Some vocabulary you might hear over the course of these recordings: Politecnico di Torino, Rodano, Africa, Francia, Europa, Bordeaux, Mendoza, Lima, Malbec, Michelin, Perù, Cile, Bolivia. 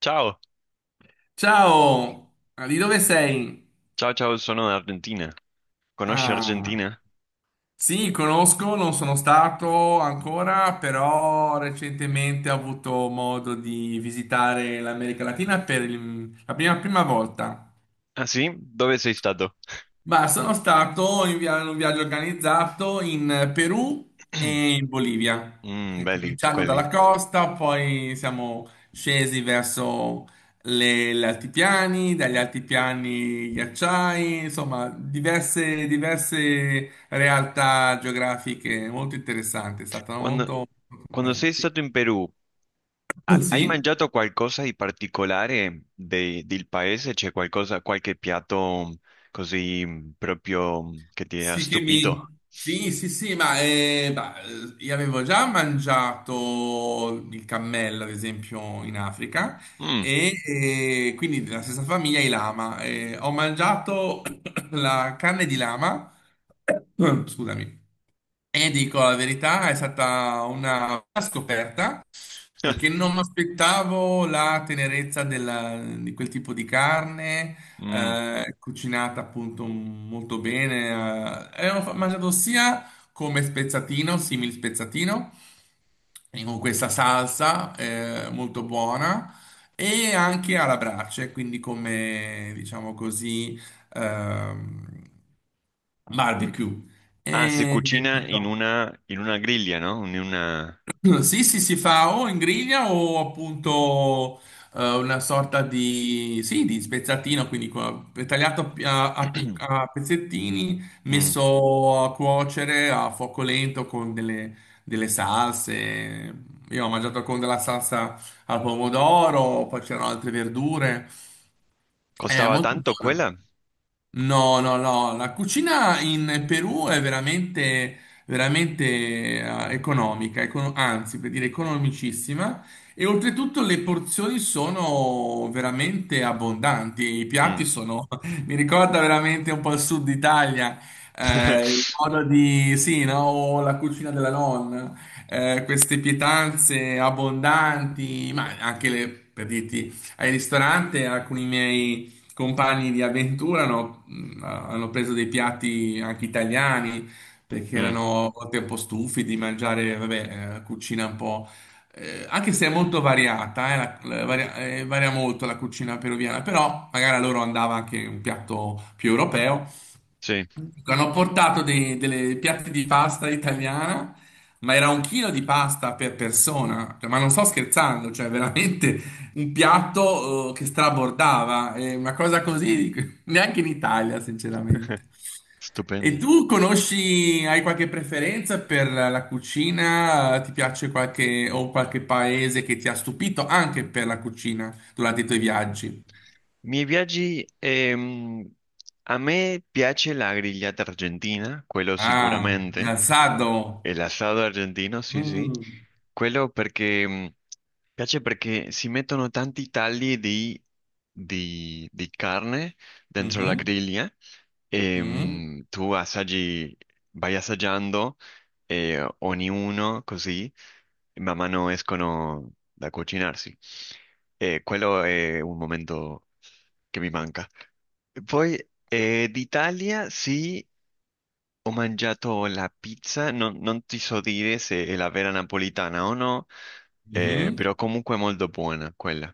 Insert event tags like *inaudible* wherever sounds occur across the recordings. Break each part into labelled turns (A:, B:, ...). A: Ciao,
B: Ciao, ah, di dove sei?
A: ciao, ciao, sono Argentina. Conosci
B: Ah,
A: Argentina?
B: sì, conosco, non sono stato ancora, però recentemente ho avuto modo di visitare l'America Latina per la prima volta.
A: Ah, sì? Dove sei stato?
B: Bah, sono stato in un viaggio organizzato in Perù e
A: *clears throat*
B: in Bolivia.
A: Mm,
B: E
A: belli
B: cominciando
A: quelli.
B: dalla costa, poi siamo scesi verso gli altipiani, dagli altipiani ghiacciai, insomma, diverse realtà geografiche molto interessanti. È stato
A: Quando,
B: molto molto
A: quando
B: bello,
A: sei
B: sì.
A: stato in Perù,
B: *laughs*
A: hai
B: Sì.
A: mangiato qualcosa di particolare del paese? C'è qualcosa, qualche piatto così proprio che ti ha stupito?
B: Sì, sì, sì, ma bah, io avevo già mangiato il cammello, ad esempio, in Africa,
A: Mm.
B: e, quindi della stessa famiglia i lama. Ho mangiato *coughs* la carne di lama, *coughs* scusami, e dico la verità, è stata una scoperta. Perché
A: *laughs*
B: non mi aspettavo la tenerezza di quel tipo di carne,
A: Mm.
B: cucinata appunto molto bene. E mangiato sia come spezzatino, simil spezzatino, e con questa salsa molto buona, e anche alla brace, quindi come, diciamo così, ehm, barbecue.
A: Ah, si
B: E
A: cucina in una griglia, no? In una...
B: sì, sì, si fa o in griglia o appunto una sorta di, sì, di spezzatino, quindi tagliato a, a
A: *clears throat*
B: pezzettini,
A: Mm.
B: messo a cuocere a fuoco lento con delle salse. Io ho mangiato con della salsa al pomodoro, poi c'erano altre verdure. È
A: Costava
B: molto
A: tanto
B: buono.
A: quella?
B: No, no, no, la cucina in Perù è veramente, veramente economica, anzi, per dire economicissima, e oltretutto le porzioni sono veramente abbondanti, i
A: Mm.
B: piatti sono, *laughs* mi ricorda veramente un po' il sud Italia, il
A: *laughs*
B: modo di, sì, no, o la cucina della nonna, queste pietanze abbondanti, ma anche le, per dirti, ai ristoranti alcuni miei compagni di avventura hanno preso dei piatti anche italiani, perché
A: Mm,
B: erano a volte un po' stufi di mangiare, vabbè, cucina un po'. Anche se è molto variata, varia, varia molto la cucina peruviana, però magari a loro andava anche un piatto più europeo.
A: sì.
B: Hanno portato delle piatti di pasta italiana, ma era un chilo di pasta per persona. Cioè, ma non sto scherzando, cioè veramente un piatto che strabordava, una cosa così *laughs* neanche in Italia,
A: *laughs*
B: sinceramente. E
A: Stupendo.
B: tu conosci, hai qualche preferenza per la cucina? Ti piace qualche paese che ti ha stupito anche per la cucina durante i tuoi viaggi?
A: Miei viaggi, a me piace la grigliata argentina, quello
B: Ah,
A: sicuramente,
B: l'alzado.
A: el asado argentino, sì, sì,
B: Mm.
A: quello perché piace perché si mettono tanti tagli di, di carne dentro la
B: Mhm.
A: griglia e
B: Mm,
A: tu assaggi, vai assaggiando ognuno così, man mano escono da cucinarsi. E quello è un momento che mi manca. Poi d'Italia sì, ho mangiato la pizza, non ti so dire se è la vera napolitana o no,
B: mhm.
A: però comunque è molto buona quella.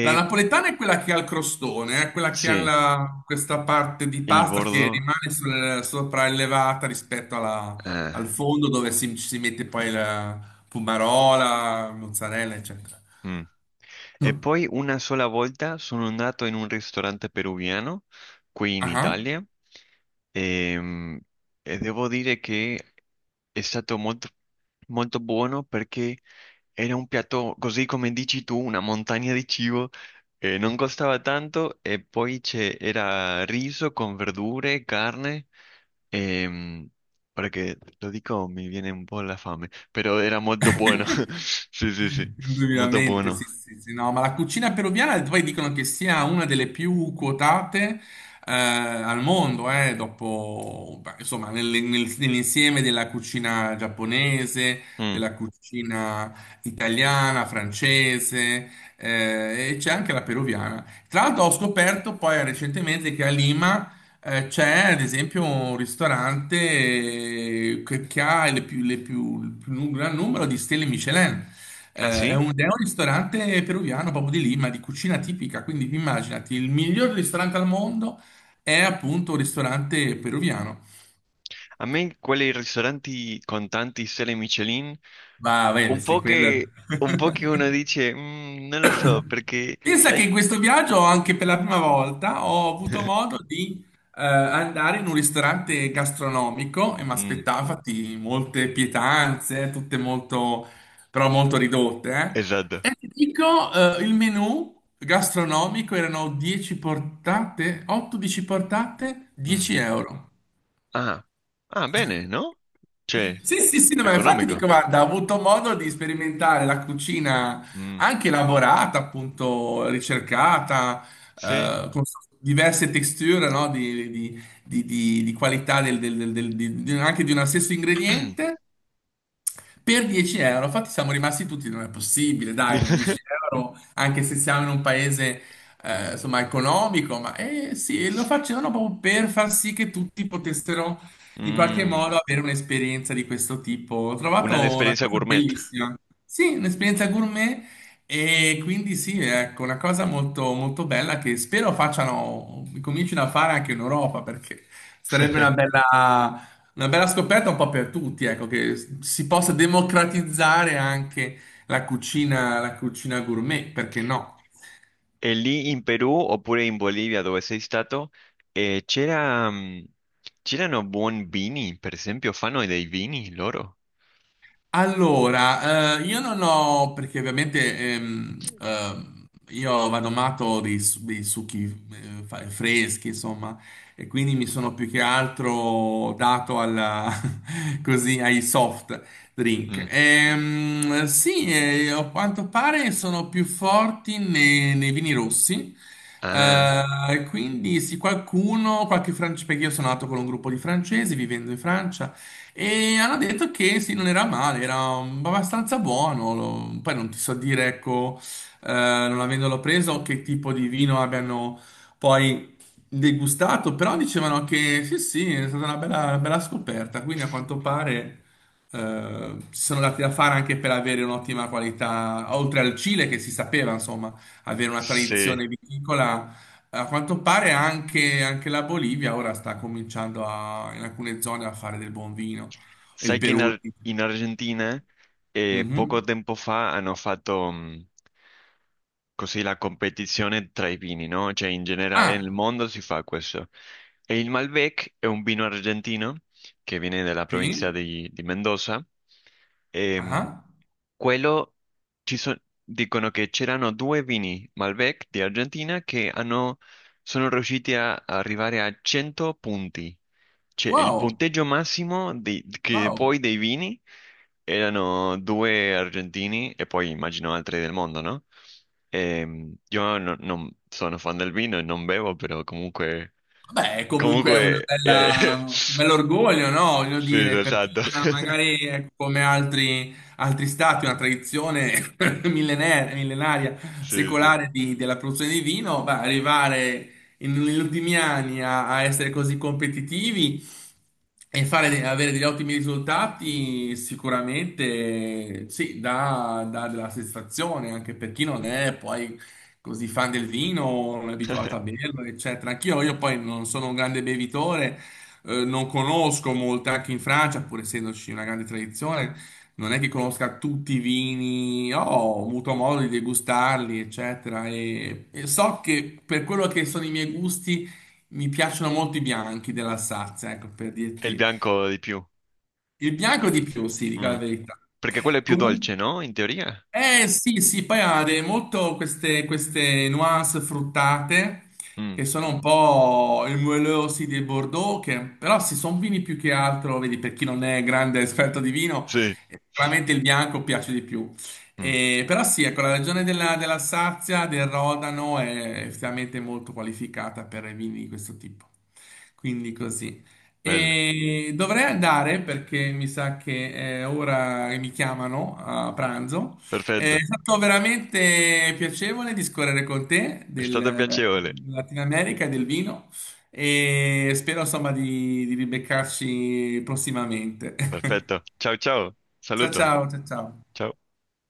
B: La napoletana è quella che ha il crostone, è quella che ha
A: sì,
B: questa parte di
A: il
B: pasta che
A: bordo.
B: rimane sopraelevata rispetto
A: Ah,
B: al fondo dove ci si mette poi la pumarola, mozzarella, eccetera.
A: mm. E
B: Ah,
A: poi una sola volta sono andato in un ristorante peruviano qui in
B: ah.
A: Italia, ehm, e devo dire che è stato molto, molto buono perché... Era un piatto, così come dici tu, una montagna di cibo, non costava tanto e poi c'era riso con verdure, carne, ehm, ora che lo dico mi viene un po' la fame, però era molto buono,
B: *laughs*
A: *laughs* sì, sì, sì, molto
B: Indubbiamente, sì,
A: buono.
B: sì, sì, no, ma la cucina peruviana poi dicono che sia una delle più quotate al mondo, dopo, beh, insomma, nell'insieme della cucina giapponese,
A: Mm.
B: della cucina italiana, francese, e c'è anche la peruviana. Tra l'altro ho scoperto poi recentemente che a Lima c'è ad esempio un ristorante che ha le più- il più nu- gran numero di stelle Michelin.
A: Ah,
B: È
A: sì?
B: un, è un ristorante peruviano proprio di Lima, di cucina tipica. Quindi immaginati, il miglior ristorante al mondo è appunto un ristorante peruviano.
A: A me quei ristoranti con tanti stelle Michelin,
B: Ma bene, sì, quello.
A: un po' che uno
B: *laughs*
A: dice, "Mm, non lo so, perché
B: Pensa che
A: sai...
B: in questo viaggio, anche per la prima volta, ho avuto
A: *laughs*
B: modo di andare in un ristorante gastronomico, e mi
A: Mm,
B: aspettavo infatti molte pietanze, tutte molto, però molto ridotte.
A: esatto.
B: E ti dico, il menù gastronomico erano 10 portate, 8-10 portate,
A: Mm.
B: 10 euro.
A: Ah, ah, bene, no? Cioè,
B: Sì, sì, sì, no, ma infatti dico,
A: economico.
B: guarda, ho avuto modo di sperimentare la cucina
A: Mm,
B: anche elaborata, appunto, ricercata,
A: sì.
B: con diverse texture, no, di qualità anche di uno stesso
A: *clears throat*
B: ingrediente, per 10 euro. Infatti siamo rimasti tutti, non è possibile, dai, non 10 euro, anche se siamo in un paese, insomma, economico, ma sì, lo facevano proprio per far sì che tutti potessero in qualche
A: Mm,
B: modo avere un'esperienza di questo tipo. Ho trovato
A: una
B: una
A: esperienza
B: cosa
A: gourmet.
B: bellissima. Sì, un'esperienza
A: Mm.
B: gourmet, e quindi sì, ecco, una cosa molto, molto bella che spero facciano, comincino a fare anche in Europa, perché sarebbe una
A: *laughs*
B: bella una bella scoperta un po' per tutti, ecco, che si possa democratizzare anche la cucina gourmet, perché no?
A: E lì in Perù oppure in Bolivia dove sei stato, c'era, mm, c'erano buoni vini, per esempio, fanno dei vini loro.
B: Allora, io non ho, perché ovviamente io vado matto dei succhi freschi, insomma, e quindi mi sono più che altro dato *laughs* così, ai soft drink.
A: Mm.
B: Sì, a quanto pare sono più forti nei vini rossi.
A: Ah,
B: Quindi sì, qualche francese, perché io sono nato con un gruppo di francesi vivendo in Francia, e hanno detto che sì, non era male, era abbastanza buono. Poi non ti so dire, ecco, non avendolo preso, che tipo di vino abbiano poi degustato, però dicevano che sì, sì, è stata una bella scoperta. Quindi a quanto pare si sono dati da fare anche per avere un'ottima qualità, oltre al Cile che si sapeva, insomma, avere una
A: sì.
B: tradizione viticola. A quanto pare anche la Bolivia ora sta cominciando in alcune zone a fare del buon vino. E il
A: Sai che in,
B: Perù.
A: In Argentina poco
B: Mhm.
A: tempo fa hanno fatto così la competizione tra i vini, no? Cioè in generale
B: Ah,
A: nel mondo si fa questo. E il Malbec è un vino argentino che viene dalla provincia
B: sì?
A: di Mendoza. E,
B: Ah, ah.
A: quello ci so- dicono che c'erano due vini Malbec di Argentina che sono riusciti a arrivare a 100 punti. Cioè, il
B: Wow,
A: punteggio massimo che
B: wow.
A: poi dei vini erano due argentini e poi immagino altri del mondo, no? Io non sono fan del vino e non bevo, però comunque
B: Beh, comunque è
A: comunque, *laughs*
B: un bell'orgoglio, no? Voglio
A: sì,
B: dire, per chi
A: esatto.
B: non ha
A: *laughs*
B: magari ecco, come altri stati una tradizione *laughs* millenaria, millenaria,
A: Sì, sì.
B: secolare della produzione di vino, beh, arrivare negli ultimi anni a essere così competitivi e fare, avere degli ottimi risultati. Sicuramente sì, dà della soddisfazione anche per chi non è poi così fan del vino, non è abituata a
A: *laughs*
B: berlo, eccetera. Anch'io, io poi non sono un grande bevitore, non conosco molto, anche in Francia, pur essendoci una grande tradizione, non è che conosca tutti i vini, ho avuto modo di degustarli, eccetera. E so che per quello che sono i miei gusti, mi piacciono molto i bianchi dell'Alsazia, ecco, per
A: È il
B: dirti.
A: bianco di più.
B: Il bianco di più, sì, dico
A: Mm.
B: la verità.
A: Perché quello è più
B: Comunque.
A: dolce, no? In teoria?
B: Eh sì, sì, poi ha molto queste nuance fruttate,
A: Mm.
B: che sono un po' i muellosi dei Bordeaux, che però sì, sono vini più che altro, vedi, per chi non è grande esperto di vino,
A: Sì.
B: sicuramente il bianco piace di più.
A: Mm.
B: Però sì, ecco, la regione dell'Alsazia, del Rodano, è effettivamente molto qualificata per i vini di questo tipo. Quindi così.
A: Bello.
B: E dovrei andare perché mi sa che è ora che mi chiamano a pranzo. È
A: Perfetto.
B: stato veramente piacevole discorrere con te
A: È stato piacevole.
B: della Latina America e del vino, e spero insomma di ribeccarci prossimamente. *laughs*
A: Perfetto. Ciao, ciao.
B: Ciao
A: Saluto.
B: ciao, ciao ciao.
A: Ciao.